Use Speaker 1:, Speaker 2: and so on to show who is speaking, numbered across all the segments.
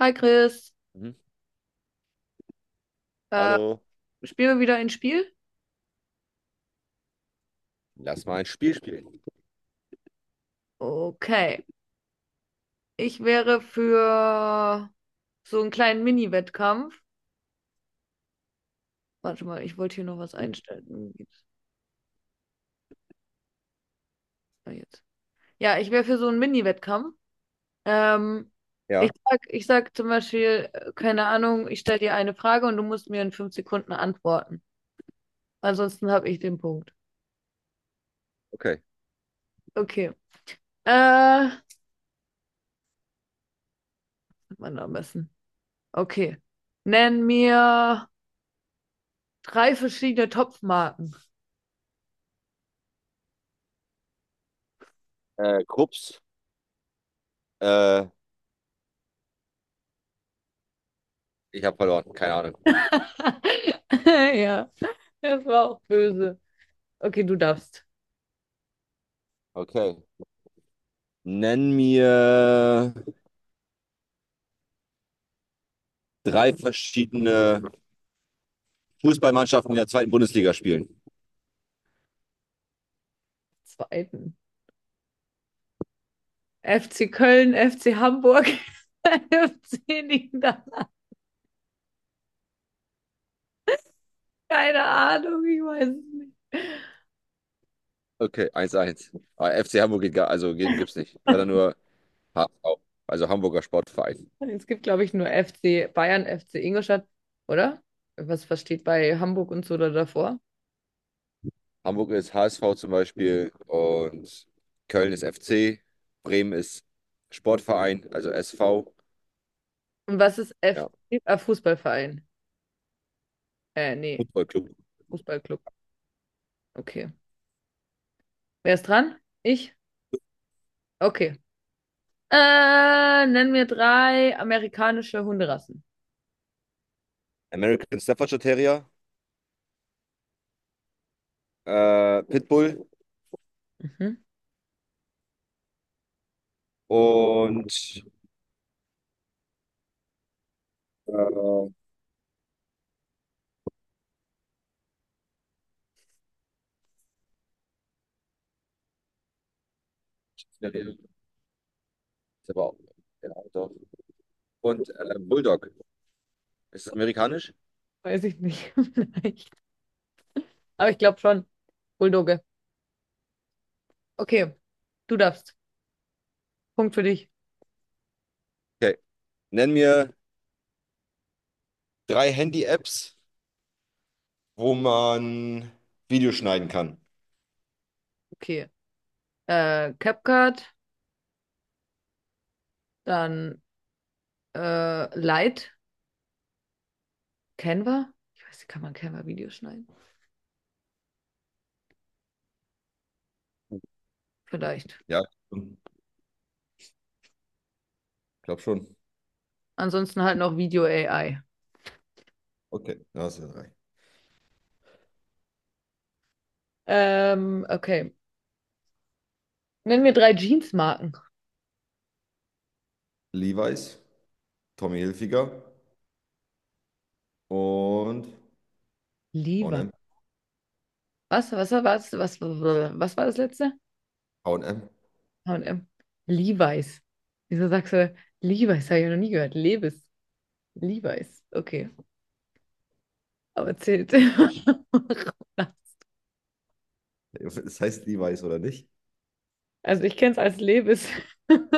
Speaker 1: Hi Chris,
Speaker 2: Mhm.
Speaker 1: äh,
Speaker 2: Hallo,
Speaker 1: spielen wir wieder ein Spiel?
Speaker 2: lass mal ein Spiel spielen.
Speaker 1: Okay, ich wäre für so einen kleinen Mini-Wettkampf. Warte mal, ich wollte hier noch was einstellen. Wo geht's? Ah, jetzt. Ja, ich wäre für so einen Mini-Wettkampf. Ähm,
Speaker 2: Ja.
Speaker 1: ich sag zum Beispiel, keine Ahnung, ich stelle dir eine Frage und du musst mir in 5 Sekunden antworten. Ansonsten habe ich den Punkt.
Speaker 2: Okay,
Speaker 1: Okay. Was hat man da am besten? Okay. Nenn mir drei verschiedene Topfmarken.
Speaker 2: Krups, äh, ich habe verloren, keine Ahnung.
Speaker 1: Ja, das war auch böse. Okay, du darfst
Speaker 2: Okay. Nenn mir drei verschiedene Fußballmannschaften, die in der zweiten Bundesliga spielen.
Speaker 1: zweiten. FC Köln, FC Hamburg, FC liegen da. Keine Ahnung, ich weiß es nicht.
Speaker 2: Okay, eins eins. Aber FC Hamburg geht gar, also gibt's nicht. Wäre dann nur HSV, also Hamburger Sportverein.
Speaker 1: Es gibt, glaube ich, nur FC Bayern, FC Ingolstadt, oder? Was steht bei Hamburg und so da davor?
Speaker 2: Hamburg ist HSV zum Beispiel und Köln ist FC, Bremen ist Sportverein, also SV,
Speaker 1: Und was ist
Speaker 2: ja,
Speaker 1: FC? Ah, Fußballverein. Nee,
Speaker 2: Footballclub.
Speaker 1: Fußballclub. Okay. Wer ist dran? Ich? Okay. Nenn mir drei amerikanische Hunderassen.
Speaker 2: American Staffordshire Terrier, Pitbull
Speaker 1: Mhm.
Speaker 2: und äh, ist aber auch- der doch. Und Bulldog. Ist das amerikanisch?
Speaker 1: Weiß ich nicht. Vielleicht. Aber ich glaube schon. Bulldogge. Okay, du darfst. Punkt für dich.
Speaker 2: Okay. Nenn mir drei Handy-Apps, wo man Videos schneiden kann.
Speaker 1: Okay. CapCut, dann Light, Canva. Ich weiß nicht, kann man Canva-Videos schneiden? Vielleicht.
Speaker 2: Ja, ich glaube schon.
Speaker 1: Ansonsten halt noch Video-AI.
Speaker 2: Okay, das sind drei.
Speaker 1: Okay. Nenn mir drei Jeansmarken.
Speaker 2: Levi's, Tommy Hilfiger und H und
Speaker 1: Levi's.
Speaker 2: M.
Speaker 1: Was war das letzte?
Speaker 2: H und M.
Speaker 1: H&M. Levi's. Wieso sagst du Levi's? Habe ich noch nie gehört. Levis. Levi's. Okay. Aber zählt.
Speaker 2: Das heißt Levi's oder nicht?
Speaker 1: Also ich kenne es als Levis. Wenn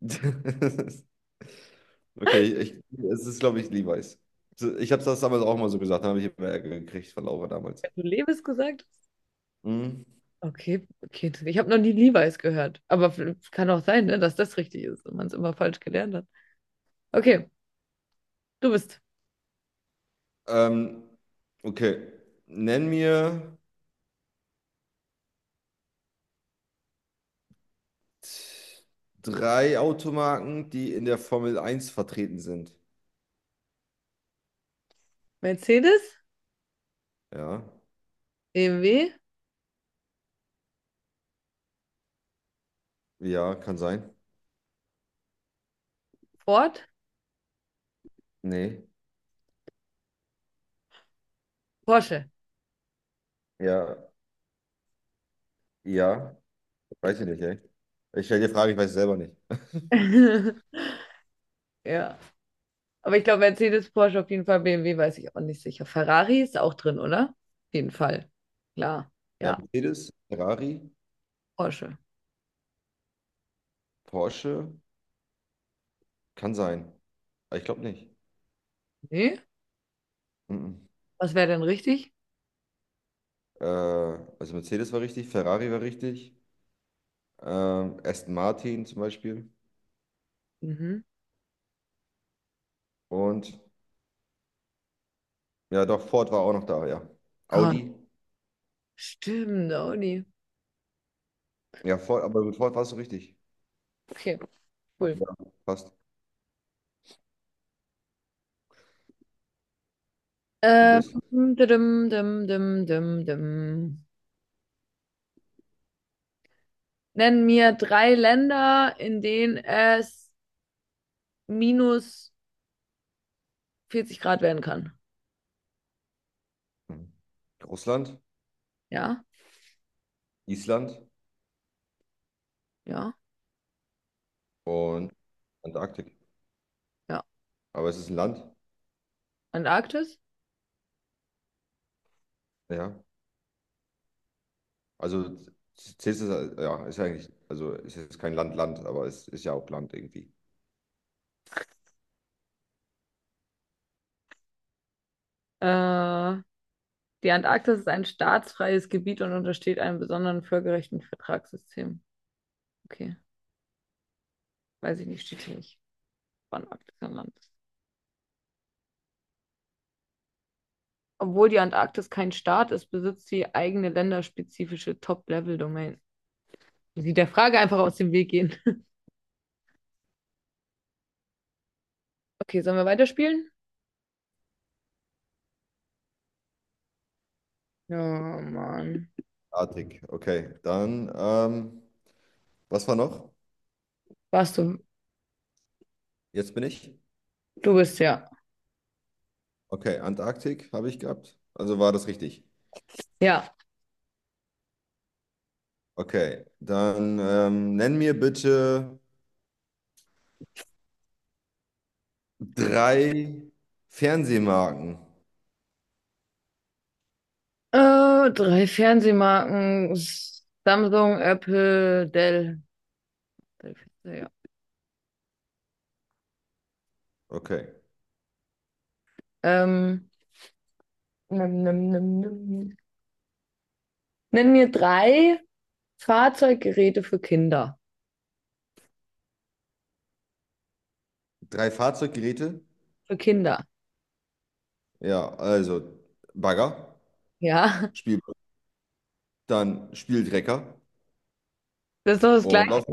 Speaker 2: Okay, es ist, glaube ich, Levi's. So, ich habe das damals auch mal so gesagt, da habe ich immer Ärger gekriegt von Laura damals.
Speaker 1: du Levis gesagt hast?
Speaker 2: Mhm.
Speaker 1: Okay, okay. Ich habe noch nie Levi's gehört. Aber es kann auch sein, ne, dass das richtig ist und man es immer falsch gelernt hat. Okay, du bist
Speaker 2: Ähm, okay, nenn mir drei Automarken, die in der Formel Eins vertreten sind.
Speaker 1: Mercedes,
Speaker 2: Ja,
Speaker 1: BMW,
Speaker 2: ja, kann sein.
Speaker 1: Ford,
Speaker 2: Nee,
Speaker 1: Porsche.
Speaker 2: ja, ja, weiß ich nicht, ey. Ich stelle dir Fragen, ich weiß es selber nicht.
Speaker 1: Ja. Aber ich glaube, Mercedes, Porsche auf jeden Fall, BMW weiß ich auch nicht sicher. Ferrari ist auch drin, oder? Auf jeden Fall. Klar.
Speaker 2: Ja,
Speaker 1: Ja.
Speaker 2: Mercedes, Ferrari,
Speaker 1: Porsche.
Speaker 2: Porsche, kann sein. Aber ich glaube nicht.
Speaker 1: Nee?
Speaker 2: Mhm.
Speaker 1: Was wäre denn richtig?
Speaker 2: Also Mercedes war richtig, Ferrari war richtig. Aston Martin zum Beispiel.
Speaker 1: Mhm.
Speaker 2: Und ja, doch, Ford war auch noch da, ja.
Speaker 1: Krass.
Speaker 2: Audi.
Speaker 1: Stimmt, Audi.
Speaker 2: Ja, Ford, aber mit Ford warst du richtig.
Speaker 1: Okay,
Speaker 2: Aber
Speaker 1: cool.
Speaker 2: ja, fast. Du
Speaker 1: Ähm,
Speaker 2: bist.
Speaker 1: dim, dim. Nenn mir drei Länder, in denen es minus 40 Grad werden kann.
Speaker 2: Hm, Russland,
Speaker 1: Ja?
Speaker 2: Island
Speaker 1: Ja?
Speaker 2: und Antarktik.
Speaker 1: Ja.
Speaker 2: Aber es ist ein Land,
Speaker 1: Antarktis?
Speaker 2: ja. Also zählst du es, ja, ist ja eigentlich, also es ist jetzt kein Land, Land, aber es ist ja auch Land irgendwie.
Speaker 1: Äh, Die Antarktis ist ein staatsfreies Gebiet und untersteht einem besonderen völkerrechtlichen Vertragssystem. Okay, weiß ich nicht, steht hier nicht, wann Arktis ein Land ist. Obwohl die Antarktis kein Staat ist, besitzt sie eigene länderspezifische Top-Level-Domain. Sie der Frage einfach aus dem Weg gehen. Okay, sollen wir weiterspielen? Ja, Mann.
Speaker 2: Antarktik, okay. Dann, was war noch?
Speaker 1: Warst du?
Speaker 2: Jetzt bin ich.
Speaker 1: Du bist ja.
Speaker 2: Okay, Antarktik habe ich gehabt. Also war das richtig.
Speaker 1: Ja.
Speaker 2: Okay, dann nenn mir bitte drei Fernsehmarken.
Speaker 1: Drei Fernsehmarken. Samsung, Apple, Dell. Drei Fernseher, ja.
Speaker 2: Okay.
Speaker 1: Ähm, nimm. Nenn mir drei Fahrzeuggeräte für Kinder.
Speaker 2: Drei Fahrzeuggeräte?
Speaker 1: Für Kinder.
Speaker 2: Ja, also Bagger,
Speaker 1: Ja.
Speaker 2: Spiel, dann Spieldrecker
Speaker 1: Das ist doch das
Speaker 2: und
Speaker 1: Gleiche.
Speaker 2: Lauf.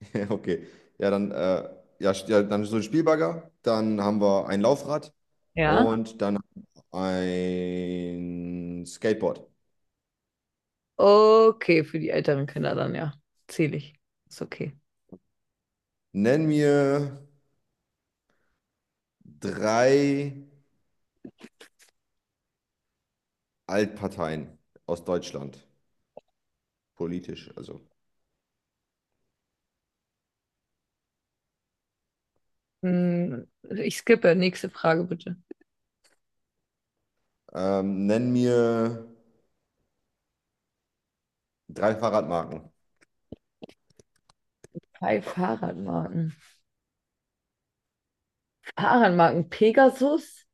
Speaker 2: Ja, okay. Ja, dann, ja, dann so ein Spielbagger, dann haben wir ein Laufrad
Speaker 1: Ja.
Speaker 2: und dann ein Skateboard.
Speaker 1: Okay, für die älteren Kinder dann, ja. Zähle ich. Ist okay.
Speaker 2: Nenn mir drei Altparteien aus Deutschland, politisch, also.
Speaker 1: Hm, ich skippe. Nächste Frage bitte.
Speaker 2: Nenn mir drei Fahrradmarken.
Speaker 1: Drei Fahrradmarken. Fahrradmarken. Pegasus,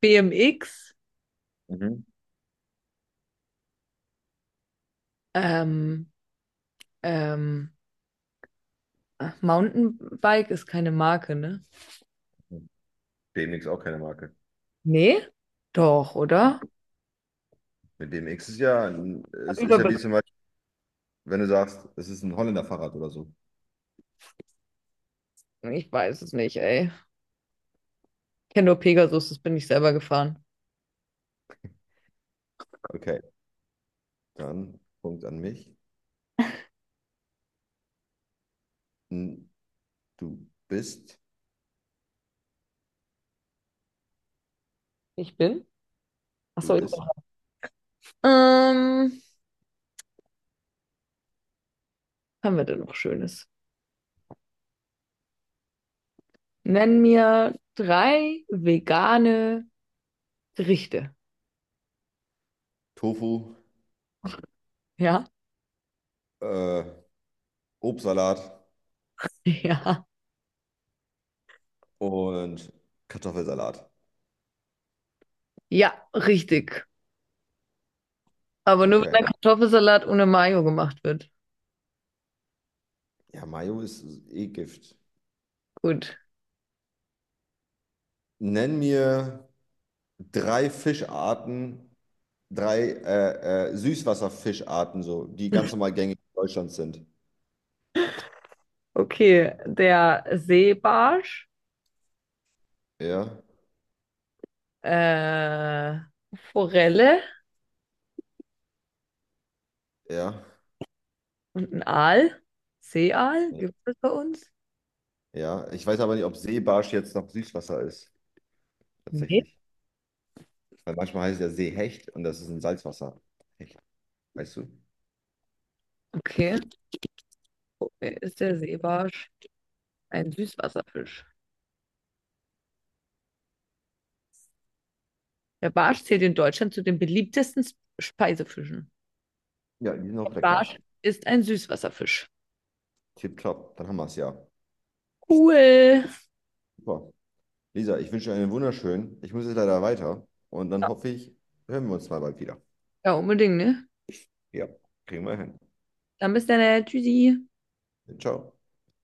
Speaker 1: BMX,
Speaker 2: Mhm.
Speaker 1: ähm, ähm, ach, Mountainbike ist keine Marke, ne?
Speaker 2: BMX auch keine Marke.
Speaker 1: Nee? Doch, oder?
Speaker 2: Mit BMX ist ja, es ist ja
Speaker 1: Überbe
Speaker 2: wie zum Beispiel, wenn du sagst, es ist ein Holländer Fahrrad oder so.
Speaker 1: ich weiß es nicht, ey. Ich kenne nur Pegasus, das bin ich selber gefahren.
Speaker 2: Okay, dann Punkt an mich. Hm, Du bist,
Speaker 1: Ich bin?
Speaker 2: du
Speaker 1: Achso, ich bin.
Speaker 2: bist.
Speaker 1: Ähm, was haben wir denn noch Schönes? Nenn mir drei vegane Gerichte.
Speaker 2: Tofu,
Speaker 1: Ja?
Speaker 2: äh, Obstsalat
Speaker 1: Ja.
Speaker 2: und Kartoffelsalat.
Speaker 1: Ja, richtig. Aber nur wenn
Speaker 2: Okay.
Speaker 1: ein Kartoffelsalat ohne Mayo gemacht wird.
Speaker 2: Ja, Mayo ist eh Gift.
Speaker 1: Gut.
Speaker 2: Nenn mir drei Fischarten, drei Süßwasserfischarten, so, die ganz normal gängig in Deutschland sind.
Speaker 1: Okay, der Seebarsch,
Speaker 2: Ja,
Speaker 1: äh, Forelle
Speaker 2: ja,
Speaker 1: und ein Aal. Seeaal, gibt es bei uns?
Speaker 2: ja. Ich weiß aber nicht, ob Seebarsch jetzt noch Süßwasser ist,
Speaker 1: Nee.
Speaker 2: tatsächlich. Weil manchmal heißt es ja Seehecht und das ist ein Salzwasserhecht, weißt du?
Speaker 1: Okay. Okay, ist der Seebarsch ein Süßwasserfisch? Der Barsch zählt in Deutschland zu den beliebtesten Speisefischen.
Speaker 2: Ja, die sind auch lecker.
Speaker 1: Barsch ist ein Süßwasserfisch.
Speaker 2: Tipptopp, dann haben wir es ja.
Speaker 1: Cool.
Speaker 2: Super. Lisa, ich wünsche dir einen wunderschönen. Ich muss jetzt leider weiter und dann hoffe ich, hören wir uns mal bald wieder.
Speaker 1: Ja, unbedingt, ne?
Speaker 2: Ja, kriegen wir hin.
Speaker 1: Dann bis dann. Tschüssi.
Speaker 2: Ciao.